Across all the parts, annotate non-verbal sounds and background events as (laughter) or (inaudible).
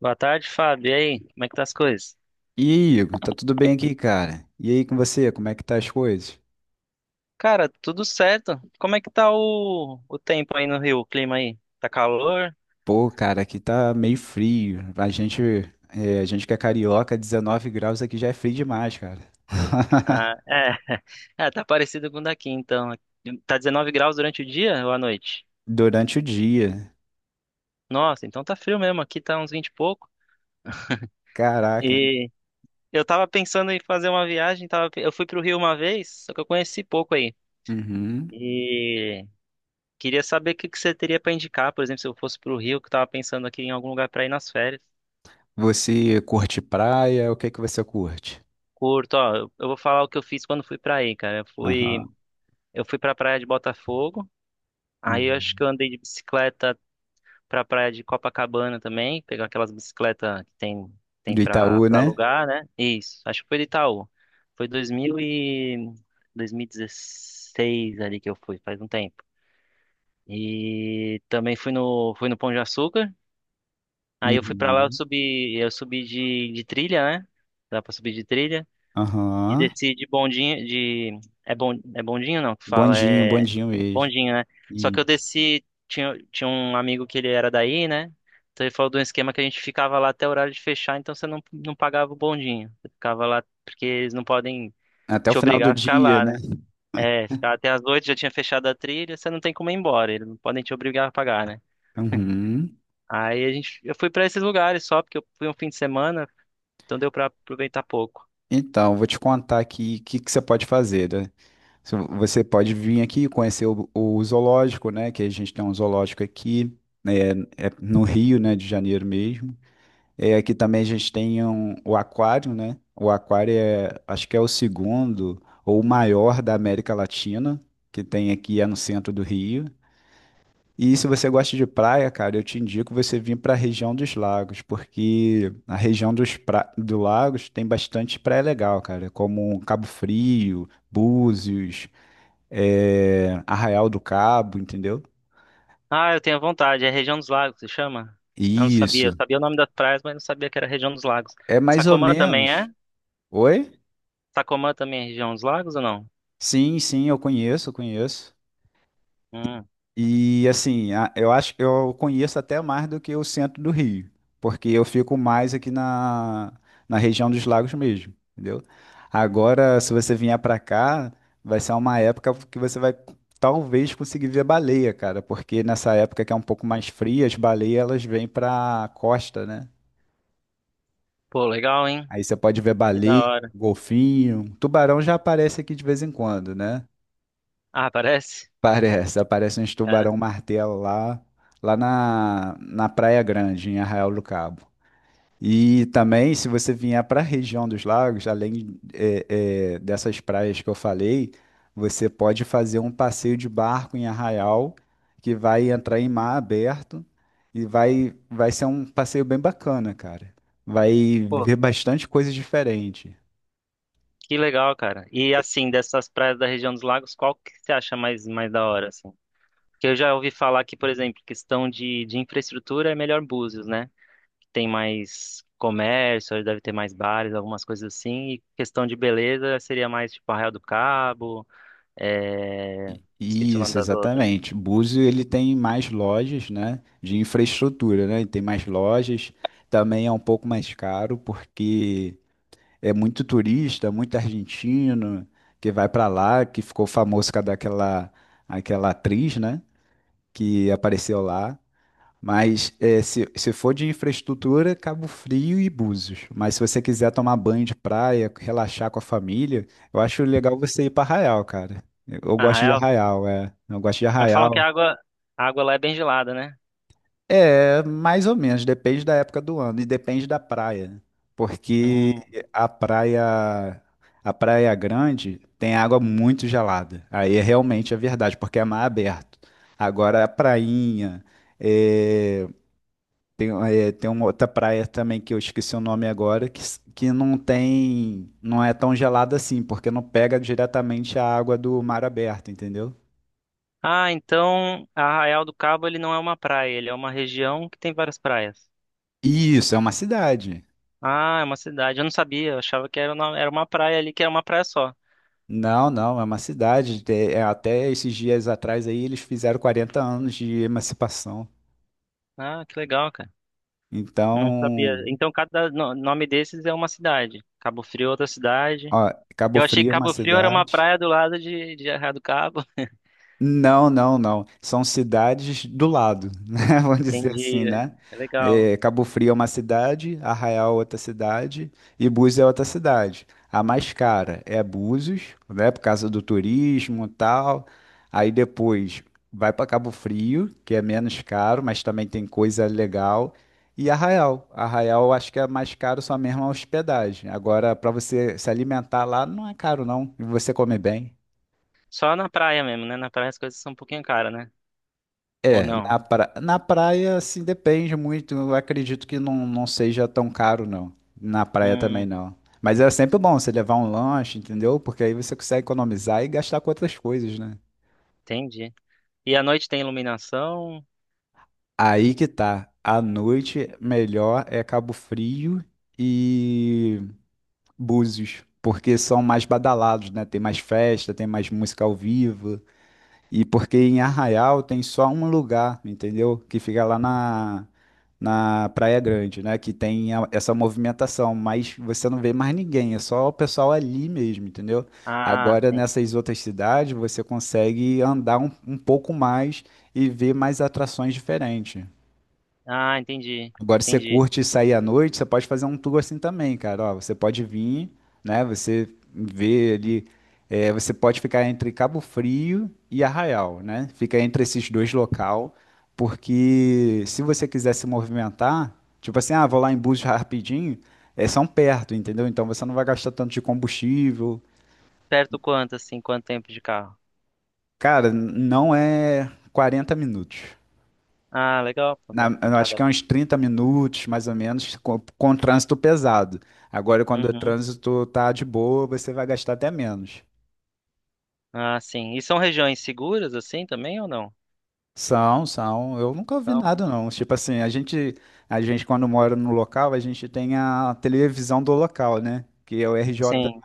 Boa tarde, Fábio. E aí, como é que tá as coisas? E aí, Igor, tá tudo bem aqui, cara? E aí com você, como é que tá as coisas? Cara, tudo certo. Como é que tá o tempo aí no Rio, o clima aí? Tá calor? Pô, cara, aqui tá meio frio. A gente, a gente que é carioca, 19 graus aqui já é frio demais, cara. Ah, é. (laughs) (laughs) É, tá parecido com o daqui, então. Tá 19 graus durante o dia ou à noite? Durante o dia. Nossa, então tá frio mesmo. Aqui tá uns 20 e pouco. Caraca, hein? E eu tava pensando em fazer uma viagem, tava, eu fui pro Rio uma vez, só que eu conheci pouco aí. Uhum. E queria saber o que que você teria pra indicar, por exemplo, se eu fosse pro Rio, que eu tava pensando aqui em algum lugar pra ir nas férias. Você curte praia? O que que você curte? Curto, ó, eu vou falar o que eu fiz quando fui pra aí, cara. Aham. Eu fui pra praia de Botafogo, aí eu acho Uhum. que eu andei de bicicleta pra praia de Copacabana também, pegar aquelas bicicletas que tem, tem Do Itaú, pra né? alugar, né? Isso, acho que foi de Itaú. Foi 2000 e 2016 ali que eu fui, faz um tempo. E também fui no Pão de Açúcar, aí eu fui pra lá, Uhum. Eu subi de trilha, né? Dá pra subir de trilha. E Aham. desci de bondinho, de... é bondinho não que fala, Bondinho, é bondinho mesmo. bondinho, né? Só que eu Isso. desci, tinha um amigo que ele era daí, né? Então ele falou de um esquema que a gente ficava lá até o horário de fechar, então você não, não pagava o bondinho. Você ficava lá porque eles não podem Até o te final do obrigar a ficar dia, lá, né? né? É, ficar até as oito, já tinha fechado a trilha, você não tem como ir embora, eles não podem te obrigar a pagar, né? Uhum. Eu fui pra esses lugares só porque eu fui um fim de semana, então deu pra aproveitar pouco. Então, vou te contar aqui o que, que você pode fazer, né? Se vo- Você pode vir aqui conhecer o zoológico, né? Que a gente tem um zoológico aqui, né? É é no Rio, né? De Janeiro mesmo. É, aqui também a gente tem o aquário, né? O aquário é, acho que é o segundo ou o maior da América Latina, que tem aqui é no centro do Rio. E se você gosta de praia, cara, eu te indico você vir para a região dos lagos, porque a região do lagos tem bastante praia legal, cara, como Cabo Frio, Búzios, Arraial do Cabo, entendeu? Ah, eu tenho vontade. É região dos lagos, se chama? Eu não sabia. Eu Isso. sabia o nome das praias, mas não sabia que era região dos lagos. É mais ou Sacomã também é? menos. Oi? Sacomã também é região dos lagos ou não? Sim, sim, eu conheço, eu conheço. Hum. E assim, eu acho que eu conheço até mais do que o centro do Rio, porque eu fico mais aqui na região dos lagos mesmo, entendeu? Agora, se você vier pra cá, vai ser uma época que você vai talvez conseguir ver baleia, cara, porque nessa época que é um pouco mais fria, as baleias elas vêm pra costa, né? Pô, legal, hein? Aí você pode ver Que da baleia, hora. golfinho, tubarão já aparece aqui de vez em quando, né? Ah, parece? Parece, aparece uns Cara. tubarão-martelo lá, na Praia Grande, em Arraial do Cabo. E também, se você vier para a região dos lagos, além dessas praias que eu falei, você pode fazer um passeio de barco em Arraial, que vai entrar em mar aberto e vai ser um passeio bem bacana, cara. Vai Pô, ver bastante coisa diferente. que legal, cara. E assim, dessas praias da região dos lagos, qual que você acha mais da hora, assim? Porque eu já ouvi falar que, por exemplo, questão de infraestrutura é melhor Búzios, né? Que tem mais comércio, deve ter mais bares, algumas coisas assim. E questão de beleza seria mais tipo Arraial do Cabo. É... Esqueci o nome Isso, das outras. exatamente. Búzio ele tem mais lojas, né, de infraestrutura, né? Ele tem mais lojas. Também é um pouco mais caro porque é muito turista, muito argentino que vai para lá, que ficou famoso por causa daquela aquela atriz, né, que apareceu lá. Mas é, se for de infraestrutura, Cabo Frio e Búzios. Mas se você quiser tomar banho de praia, relaxar com a família, eu acho legal você ir para Arraial, cara. Eu Ah, gosto de Arraial? Arraial, é. Eu gosto de Mas falam que a Arraial. água, a água lá é bem gelada, né? É, mais ou menos, depende da época do ano e depende da praia, né? Porque Hum. a praia, a Praia Grande tem água muito gelada. Aí é realmente a verdade, porque é mar aberto. Agora a prainha. é, Tem, tem uma outra praia também que eu esqueci o nome agora, que não tem, não é tão gelada assim, porque não pega diretamente a água do mar aberto, entendeu? Ah, então Arraial do Cabo ele não é uma praia, ele é uma região que tem várias praias. Isso, é uma cidade. Ah, é uma cidade. Eu não sabia, eu achava que era uma praia ali, que era uma praia só. Não, não, é uma cidade. Até esses dias atrás aí eles fizeram 40 anos de emancipação. Ah, que legal, cara. Não Então, sabia. Então cada no- nome desses é uma cidade. Cabo Frio é outra cidade. ó, Cabo Eu achei que Frio é uma Cabo Frio era uma cidade. praia do lado de Arraial do Cabo. Não, não, não. São cidades do lado, (laughs) né? Vamos (laughs) dizer assim, Entendi, né? né? É legal. É, Cabo Frio é uma cidade, Arraial é outra cidade e Búzios é outra cidade. A mais cara é Búzios, né? Por causa do turismo e tal. Aí depois vai para Cabo Frio, que é menos caro, mas também tem coisa legal. E Arraial. Arraial eu acho que é mais caro só mesmo a hospedagem. Agora, para você se alimentar lá, não é caro, não. E você come bem. Só na praia mesmo, né? Na praia as coisas são um pouquinho caras, né? Ou É, não? Na praia, assim, depende muito. Eu acredito que não seja tão caro, não. Na praia também Hum, não. Mas é sempre bom você levar um lanche, entendeu? Porque aí você consegue economizar e gastar com outras coisas, né? entendi. E à noite tem iluminação? Aí que tá. À noite, melhor é Cabo Frio e Búzios. Porque são mais badalados, né? Tem mais festa, tem mais música ao vivo. E porque em Arraial tem só um lugar, entendeu? Que fica lá na Praia Grande, né? Que tem essa movimentação, mas você não vê mais ninguém, é só o pessoal ali mesmo, entendeu? Ah, Agora sim. nessas outras cidades você consegue andar um pouco mais e ver mais atrações diferentes. Ah, entendi. Agora, se você Entendi. curte sair à noite, você pode fazer um tour assim também, cara. Ó, você pode vir, né? Você vê ali. Você pode ficar entre Cabo Frio e Arraial, né? Fica entre esses dois local, porque se você quiser se movimentar, tipo assim, ah, vou lá em Búzios rapidinho, é, são perto, entendeu? Então você não vai gastar tanto de combustível. Perto quanto, assim, quanto tempo de carro? Cara, não é 40 minutos. Ah, legal. Não dá- Eu acho Nada. que é uns 30 minutos, mais ou menos, com trânsito pesado. Agora, quando o Uhum. trânsito tá de boa, você vai gastar até menos. Ah, sim. E são regiões seguras, assim, também ou não? São, são. Eu nunca ouvi Então, nada, não. Tipo assim, a gente quando mora no local, a gente tem a televisão do local, né? Que é o RJ, sim,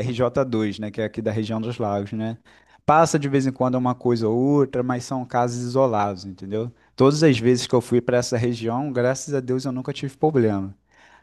rj dois, né? Que é aqui da região dos lagos, né? Passa de vez em quando uma coisa ou outra, mas são casos isolados, entendeu? Todas as vezes que eu fui para essa região, graças a Deus eu nunca tive problema.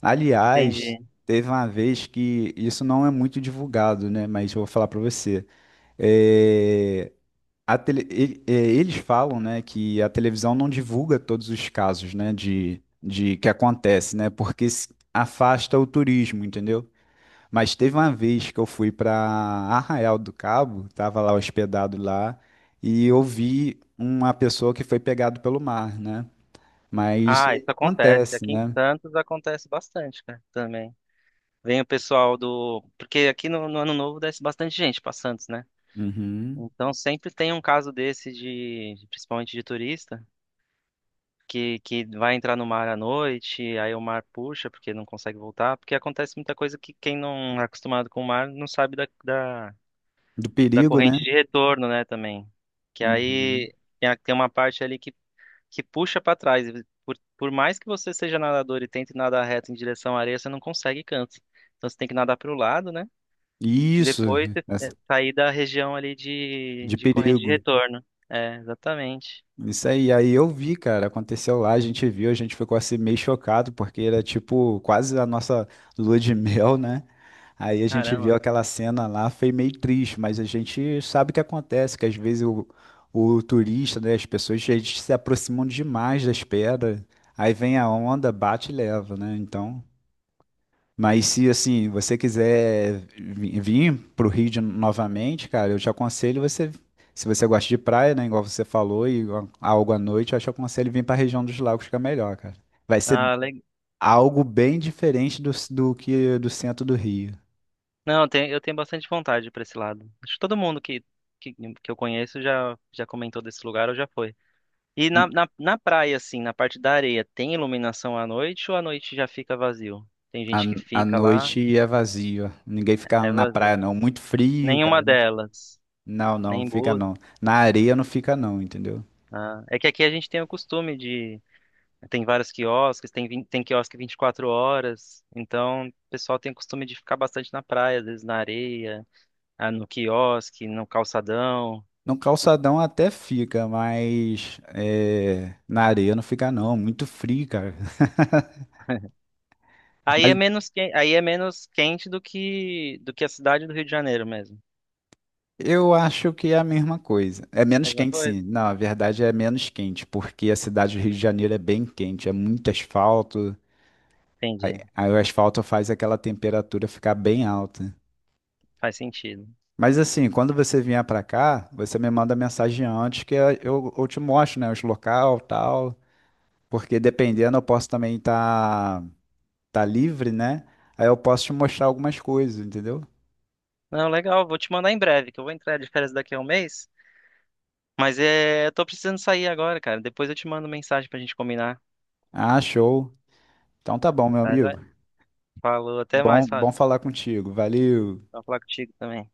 Aliás, entendi. teve uma vez que isso não é muito divulgado, né? Mas eu vou falar para você. É, a tele- ele- é, eles falam, né, que a televisão não divulga todos os casos, né, de que acontece, né? Porque se- afasta o turismo, entendeu? Mas teve uma vez que eu fui para Arraial do Cabo, tava lá hospedado lá, e eu vi uma pessoa que foi pegado pelo mar, né? Mas isso Ah, isso aí acontece. acontece, Aqui em né? Santos acontece bastante, cara, também. Vem o pessoal do. Porque aqui no Ano Novo desce bastante gente pra Santos, né? Uhum. Então sempre tem um caso desse principalmente de turista. Que vai entrar no mar à noite, aí o mar puxa porque não consegue voltar, porque acontece muita coisa que quem não é acostumado com o mar não sabe Do da perigo, né? corrente de retorno, né, também. Que Uhum. aí tem a- tem uma parte ali que puxa para trás. E por mais que você seja nadador e tente nadar reto em direção à areia, você não consegue canto. Então você tem que nadar para o lado, né? E Isso, depois você- é, essa- sair da região ali de de corrente de perigo. retorno. É, exatamente. Isso aí, aí eu vi, cara, aconteceu lá, a gente viu, a gente ficou assim meio chocado, porque era tipo quase a nossa lua de (laughs) mel, né? Aí a gente viu Caramba. aquela cena lá, foi meio triste, mas a gente sabe o que acontece, que às vezes o turista, né, as pessoas, eles se aproximam demais das pedras, aí vem a onda, bate e leva, né? Então. Mas se assim, você quiser vir pro novamente, cara, eu te aconselho você, se você gosta de praia, né, igual você falou, e algo à noite, eu te aconselho vir para a região dos lagos que é melhor, cara. Vai ser Ah, algo bem diferente do, do que do centro do Rio. não, eu tenho bastante vontade pra esse lado. Acho que todo mundo que eu conheço já, já comentou desse lugar ou já foi. E na praia, assim, na parte da areia, tem iluminação à noite ou à noite já fica vazio? Tem A, gente que a fica lá, noite é vazio, ninguém fica é na praia vazio. não, muito frio, Nenhuma cara. delas, Não, não, não nem fica boas. não. Na areia não fica não, entendeu? Ah, é que aqui a gente tem o costume de. Tem vários quiosques, tem quiosque 24 horas, então o pessoal tem o costume de ficar bastante na praia, às vezes na areia, ah, no quiosque, no calçadão. No calçadão até fica, mas é, na areia não fica não, muito frio, cara. (laughs) Aí Mas é menos que... aí é menos quente do que a cidade do Rio de Janeiro mesmo. eu acho que é a mesma coisa. É menos Mesma quente, coisa? sim. Não, a verdade é menos quente, porque a cidade do Rio de Janeiro é bem quente, é muito asfalto. Entendi. Aí o asfalto faz aquela temperatura ficar bem alta. Faz sentido. Mas assim, quando você vier pra cá, você me manda mensagem antes que eu te mostro, né, os local, tal, porque dependendo eu posso também estar tá livre, né? Aí eu posso te mostrar algumas coisas, entendeu? Não, legal, vou te mandar em breve, que eu vou entrar de férias daqui a um mês, mas é, eu tô precisando sair agora, cara. Depois eu te mando mensagem pra gente combinar, Ah, show. Então tá bom, meu tá? amigo. Joia? Falou, até Bom, mais, bom Fábio. falar contigo. Valeu. Vou falar contigo também.